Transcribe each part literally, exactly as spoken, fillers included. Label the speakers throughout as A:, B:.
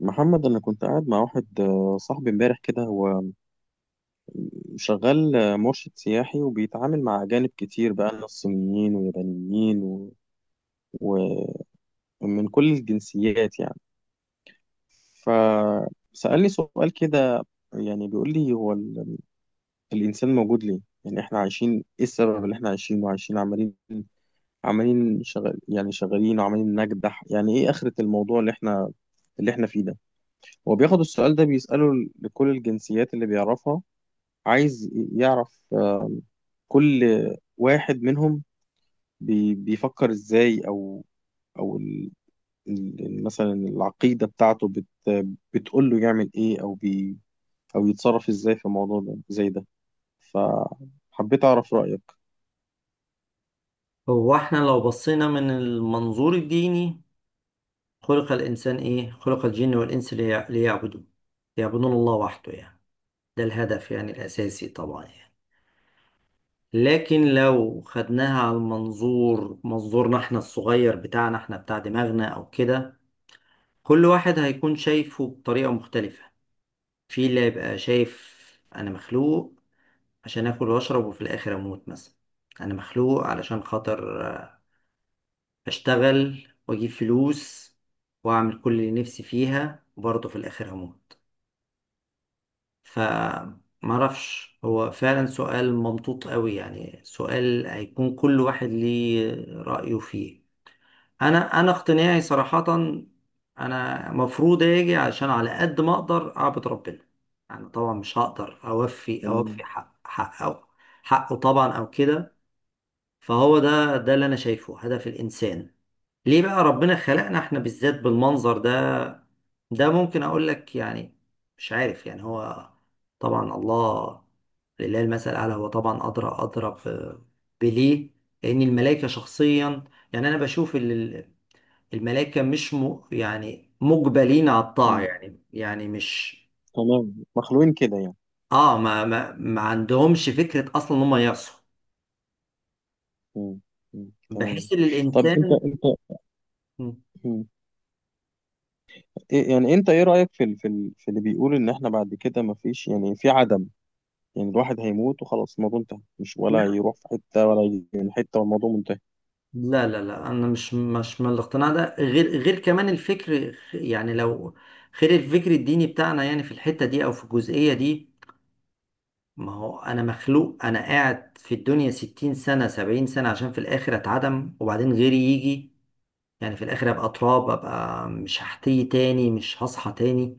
A: محمد، أنا كنت قاعد مع واحد آه، صاحبي امبارح كده. هو شغال آه، مرشد سياحي وبيتعامل مع أجانب كتير، بقى ناس صينيين ويابانيين و- ومن كل الجنسيات يعني. فسألني سؤال كده، يعني بيقول لي هو ال- الإنسان موجود ليه؟ يعني إحنا عايشين إيه السبب اللي إحنا عايشينه؟ عايشين وعايشين، عمالين عمالين شغال، يعني شغالين وعمالين نجدح، يعني إيه آخرة الموضوع اللي إحنا اللي إحنا فيه ده؟ هو بياخد السؤال ده بيسأله لكل الجنسيات اللي بيعرفها. عايز يعرف آم، كل واحد منهم بي- بيفكر ازاي، او او ال- ال- ال- مثلا العقيدة بتاعته بت بتقول له يعمل ايه، او بي او يتصرف ازاي في الموضوع ده زي ده. فحبيت اعرف رأيك.
B: هو احنا لو بصينا من المنظور الديني، خلق الإنسان إيه؟ خلق الجن والإنس ليع- ليعبدوه، يعبدون الله وحده يعني. ده الهدف يعني الأساسي طبعا يعني. لكن لو خدناها على المنظور منظورنا احنا الصغير بتاعنا احنا بتاع دماغنا أو كده، كل واحد هيكون شايفه بطريقة مختلفة. في اللي هيبقى شايف أنا مخلوق عشان آكل وأشرب وفي الآخر أموت مثلا. أنا مخلوق علشان خاطر اشتغل واجيب فلوس واعمل كل اللي نفسي فيها وبرضه في الاخر هموت. ف معرفش، هو فعلا سؤال ممطوط قوي، يعني سؤال هيكون كل واحد ليه رأيه فيه. انا انا اقتناعي صراحة انا مفروض اجي عشان على قد ما اقدر اعبد ربنا. يعني طبعا مش هقدر اوفي
A: تمام.
B: اوفي حق حقه، حقه طبعا او كده. فهو ده ده اللي انا شايفه هدف الانسان. ليه بقى ربنا خلقنا احنا بالذات بالمنظر ده؟ ده ممكن اقول لك يعني مش عارف، يعني هو طبعا الله، لله المثل الاعلى، هو طبعا ادرى ادرى ب- بليه. لان الملائكه شخصيا يعني انا بشوف ال- ال- الملائكه مش م يعني مجبلين على الطاعه،
A: مم.
B: يعني يعني مش،
A: تمام، مخلوقين كده يعني.
B: اه، ما ما, ما عندهمش فكره اصلا ان هم يعصوا.
A: مم. مم. تمام.
B: بحس ان
A: طب انت
B: الانسان،
A: انت مم. إيه- يعني انت ايه رأيك في ال- في ال- في اللي بيقول ان احنا بعد كده مفيش، يعني في عدم؟ يعني الواحد هيموت وخلاص، الموضوع انتهى؟ مش ولا يروح في حتة ولا يجي من حتة والموضوع منتهي
B: لا لا لا انا مش مش من الاقتناع ده، غير غير كمان الفكر، يعني لو غير الفكر الديني بتاعنا يعني في الحتة دي او في الجزئية دي. ما هو انا مخلوق، انا قاعد في الدنيا ستين سنة سبعين سنة عشان في الاخر اتعدم وبعدين غيري يجي؟ يعني في الاخر ابقى تراب، ابقى مش هحتي تاني، مش هصحى تاني؟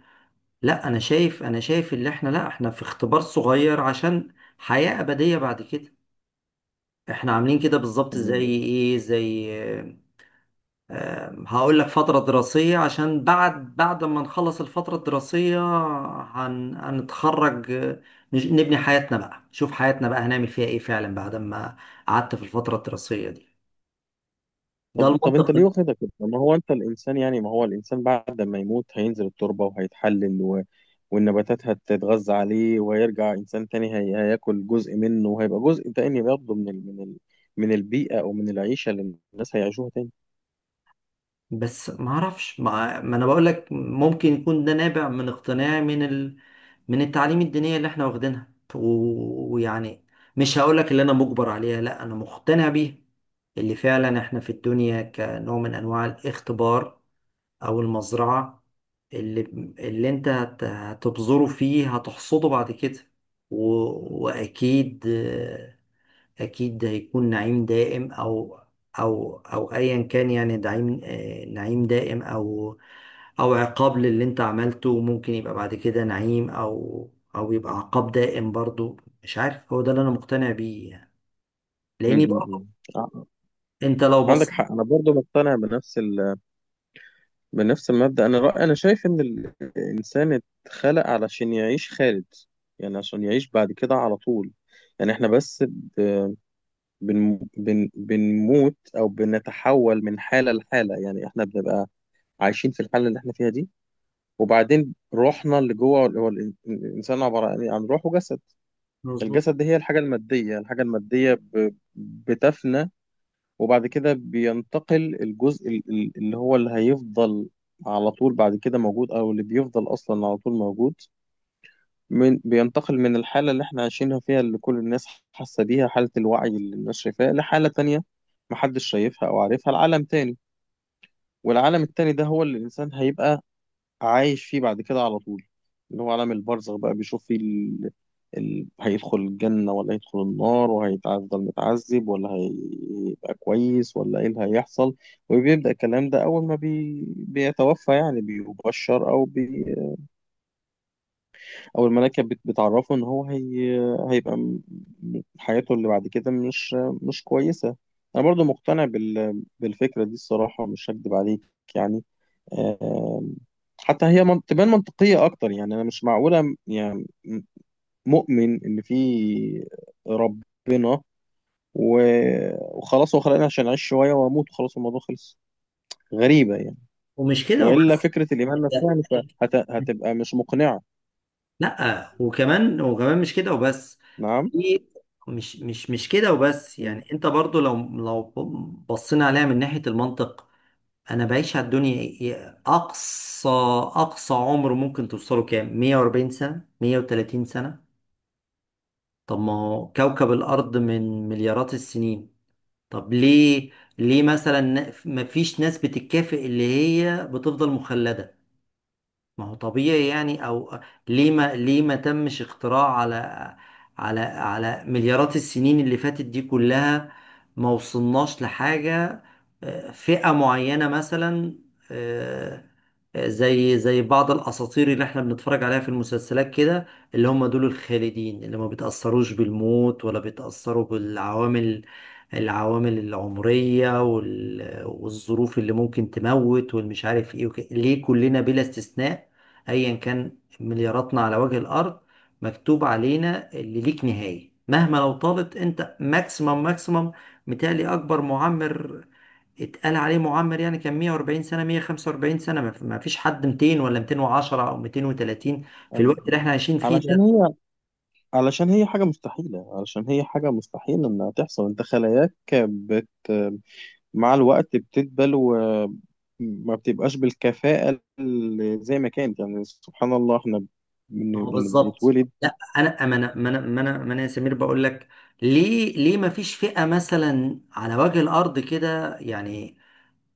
B: لا انا شايف، انا شايف اللي احنا، لا احنا في اختبار صغير عشان حياة ابدية بعد كده. احنا عاملين كده بالظبط زي
A: يعني؟
B: ايه، زي، هقول لك، فترة دراسية عشان بعد بعد ما نخلص الفترة الدراسية هن... هنتخرج آه، نج- نبني حياتنا بقى، نشوف حياتنا بقى هنعمل فيها ايه فعلا بعد ما قعدت في الفترة الدراسية دي. ده
A: طب طب
B: المنطق
A: انت ليه
B: ال-
A: واخدها كده؟ ما هو انت الانسان، يعني ما هو الانسان بعد ما يموت هينزل التربة وهيتحلل، و... والنباتات هتتغذى عليه وهيرجع انسان تاني. هي... هياكل جزء منه وهيبقى جزء تاني برضه من ال... من ال... من البيئة او من العيشة اللي الناس هيعيشوها تاني.
B: بس ما اعرفش، ما... ما انا بقول لك ممكن يكون ده نابع من اقتناع من ال... من التعليم الدينية اللي احنا واخدينها، و- ويعني مش هقول لك اللي انا مجبر عليها، لا انا مقتنع بيها. اللي فعلا احنا في الدنيا كنوع من انواع الاختبار او المزرعه، اللي، اللي انت هت- هتبذره فيه هتحصده بعد كده. و... واكيد، اكيد هيكون نعيم دائم او، او او ايا كان يعني نعيم آه، نعيم دائم او او عقاب للي انت عملته. ممكن يبقى بعد كده نعيم او او يبقى عقاب دائم برضو. مش عارف، هو ده اللي انا مقتنع بيه يعني.
A: م-
B: لاني
A: م-
B: برضو
A: م. ع-
B: انت لو بصيت،
A: عندك حق. انا برضه مقتنع بنفس ال... بنفس المبدأ. أنا رأي أنا شايف إن الإنسان اتخلق علشان يعيش خالد، يعني عشان يعيش بعد كده على طول. يعني إحنا بس ب- بن بن بنموت أو بنتحول من حالة لحالة. يعني إحنا بنبقى عايشين في الحالة اللي إحنا فيها دي، وبعدين روحنا اللي جوه، هو ال- الإنسان عبارة عن إيه؟ عن روح وجسد.
B: مظبوط.
A: الجسد دي هي الحاجة المادية، الحاجة المادية ب- بتفنى. وبعد كده بينتقل الجزء ال- ال- اللي هو اللي هيفضل على طول بعد كده موجود، او اللي بيفضل اصلا على طول موجود. من بينتقل من الحالة اللي احنا عايشينها فيها، اللي كل الناس حاسة بيها، حالة الوعي اللي الناس شايفاها، لحالة تانية محدش شايفها او عارفها، لعالم تاني. والعالم التاني ده هو اللي الانسان هيبقى عايش فيه بعد كده على طول، اللي هو عالم البرزخ بقى، بيشوف فيه ال... ال... هيدخل الجنة ولا هيدخل النار، وهيفضل متعذب ولا هيبقى كويس، ولا ايه اللي هيحصل. وبيبدأ الكلام ده أول ما بي... بيتوفى، يعني بيبشر أو بي... أو الملائكة بت... بتعرفه إن هو هي... هيبقى م... حياته اللي بعد كده مش مش كويسة. أنا برضو مقتنع بال... بالفكرة دي الصراحة، مش هكدب عليك. يعني آم، حتى هي من- تبان منطقية أكتر. يعني أنا مش معقولة يعني مؤمن إن في ربنا و- وخلاص هو خلقني عشان أعيش شوية وأموت وخلاص الموضوع خلص. غريبة يعني.
B: ومش كده
A: وإلا
B: وبس،
A: فكرة الإيمان نفسها مش هت...
B: انت،
A: هتبقى مش مقنعة.
B: لا وكمان، وكمان مش كده وبس.
A: نعم.
B: في، مش مش مش كده وبس
A: مم.
B: يعني، انت برضو لو لو بصينا عليها من ناحية المنطق، انا بعيش على الدنيا إيه- إيه، اقصى، اقصى عمر ممكن توصله كام؟ مية وأربعين سنة، مية وتلاتين سنة. طب ما هو كوكب الارض من مليارات السنين، طب ليه، ليه مثلا ما فيش ناس بتتكافئ اللي هي بتفضل مخلدة؟ ما هو طبيعي يعني. او ليه، ما ليه ما تمش اختراع على، على على مليارات السنين اللي فاتت دي كلها ما وصلناش لحاجة؟ آه، فئة معينة مثلا، آه، آه، زي زي بعض الاساطير اللي احنا بنتفرج عليها في المسلسلات كده، اللي هم دول الخالدين اللي ما بيتأثروش بالموت ولا بيتأثروا بالعوامل، العوامل العمرية وال- والظروف اللي ممكن تموت والمش عارف ايه وكده. ليه كلنا بلا استثناء، ايا كان ملياراتنا على وجه الارض، مكتوب علينا اللي ليك نهاية مهما لو طالت؟ انت ماكسيمم، ماكسيمم، متهيألي اكبر معمر اتقال عليه معمر يعني كان مية وأربعين سنة، مية وخمسة وأربعين سنة. ما ما فيش حد ميتين ولا ميتين وعشرة او ميتين وتلاتين في
A: أيوة.
B: الوقت اللي احنا عايشين فيه
A: علشان
B: ده.
A: هي علشان هي حاجة مستحيلة، علشان هي حاجة مستحيل إنها تحصل. أنت خلاياك بت مع الوقت بتدبل وما بتبقاش بالكفاءة اللي زي ما كانت. يعني سبحان الله، احنا بن
B: ما هو
A: يعني
B: بالظبط.
A: بنتولد.
B: لا انا، ما انا ما انا ما انا ما أنا يا سمير بقول لك، ليه، ليه ما فيش فئة مثلا على وجه الارض كده يعني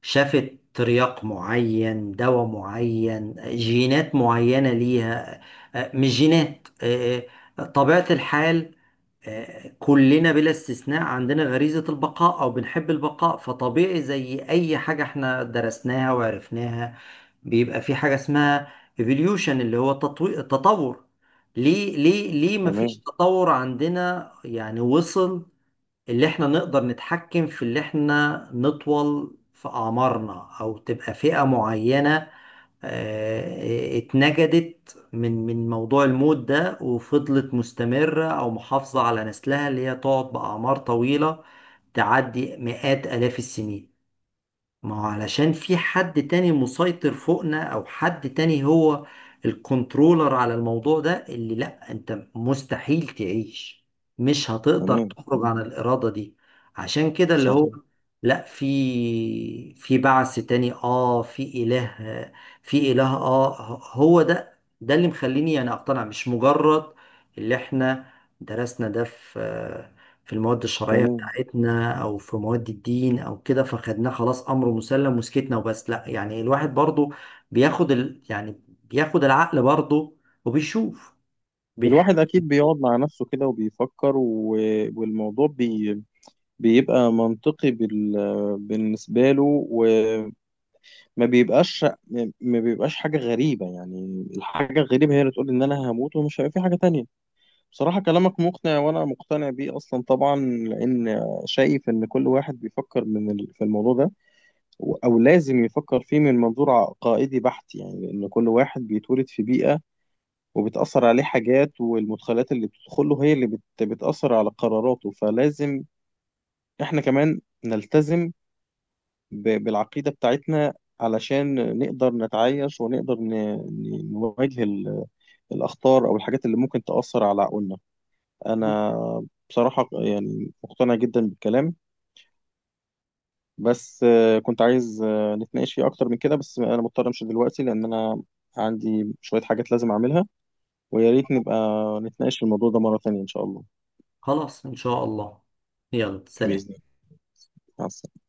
B: شافت ترياق معين، دواء معين، جينات معينة ليها؟ آه، مش جينات، آه، آه، طبيعة الحال. آه، كلنا بلا استثناء عندنا غريزة البقاء أو بنحب البقاء، فطبيعي زي أي حاجة احنا درسناها وعرفناها، بيبقى في حاجة اسمها evolution اللي هو تطوي- تطور. ليه ليه ليه مفيش
A: تمام.
B: تطور عندنا يعني وصل اللي احنا نقدر نتحكم في اللي احنا نطول في أعمارنا، أو تبقى فئة معينة آه، اتنجدت من من موضوع الموت ده وفضلت مستمرة أو محافظة على نسلها، اللي هي تقعد بأعمار طويلة تعدي مئات آلاف السنين؟ ما هو علشان في حد تاني مسيطر فوقنا، او حد تاني هو الكنترولر على الموضوع ده اللي، لا انت مستحيل تعيش، مش هتقدر
A: تمام
B: تخرج
A: تمام،
B: عن الارادة دي. عشان كده اللي هو،
A: صحيح.
B: لا، في في بعث تاني، اه، في اله، في اله، اه، هو ده ده اللي مخليني يعني اقتنع، مش مجرد اللي احنا درسنا ده في، في المواد الشرعية
A: تمام.
B: بتاعتنا أو في مواد الدين أو كده فخدناه خلاص أمر مسلم وسكتنا وبس. لا يعني الواحد برضو بياخد ال... يعني بياخد العقل برضو، وبيشوف، بيح...
A: الواحد أكيد بيقعد مع نفسه كده وبيفكر، و... والموضوع بي... بيبقى منطقي بال... بالنسبة له، وما بيبقاش ما بيبقاش حاجة غريبة. يعني الحاجة الغريبة هي اللي تقول إن أنا هموت ومش هيبقى في حاجة تانية. بصراحة كلامك مقنع وأنا مقتنع بيه أصلا طبعا. لأن شايف إن كل واحد بيفكر من ال- في الموضوع ده، و- أو لازم يفكر فيه من منظور عقائدي بحت. يعني لأن كل واحد بيتولد في بيئة، وبتأثر عليه حاجات، والمدخلات اللي بتدخله هي اللي بت- بتأثر على قراراته. فلازم إحنا كمان نلتزم ب- بالعقيدة بتاعتنا، علشان نقدر نتعايش ونقدر ن- ن- نواجه ال- الأخطار أو الحاجات اللي ممكن تأثر على عقولنا. انا بصراحة يعني مقتنع جدا بالكلام، بس آه، كنت عايز آه، نتناقش فيه اكتر من كده. بس انا مضطر امشي دلوقتي لان انا عندي شوية حاجات لازم اعملها. ويا ريت نبقى نتناقش في الموضوع ده مرة تانية ان شاء الله.
B: خلاص إن شاء الله. يلا
A: بإذن
B: سلام.
A: الله. مع السلامة.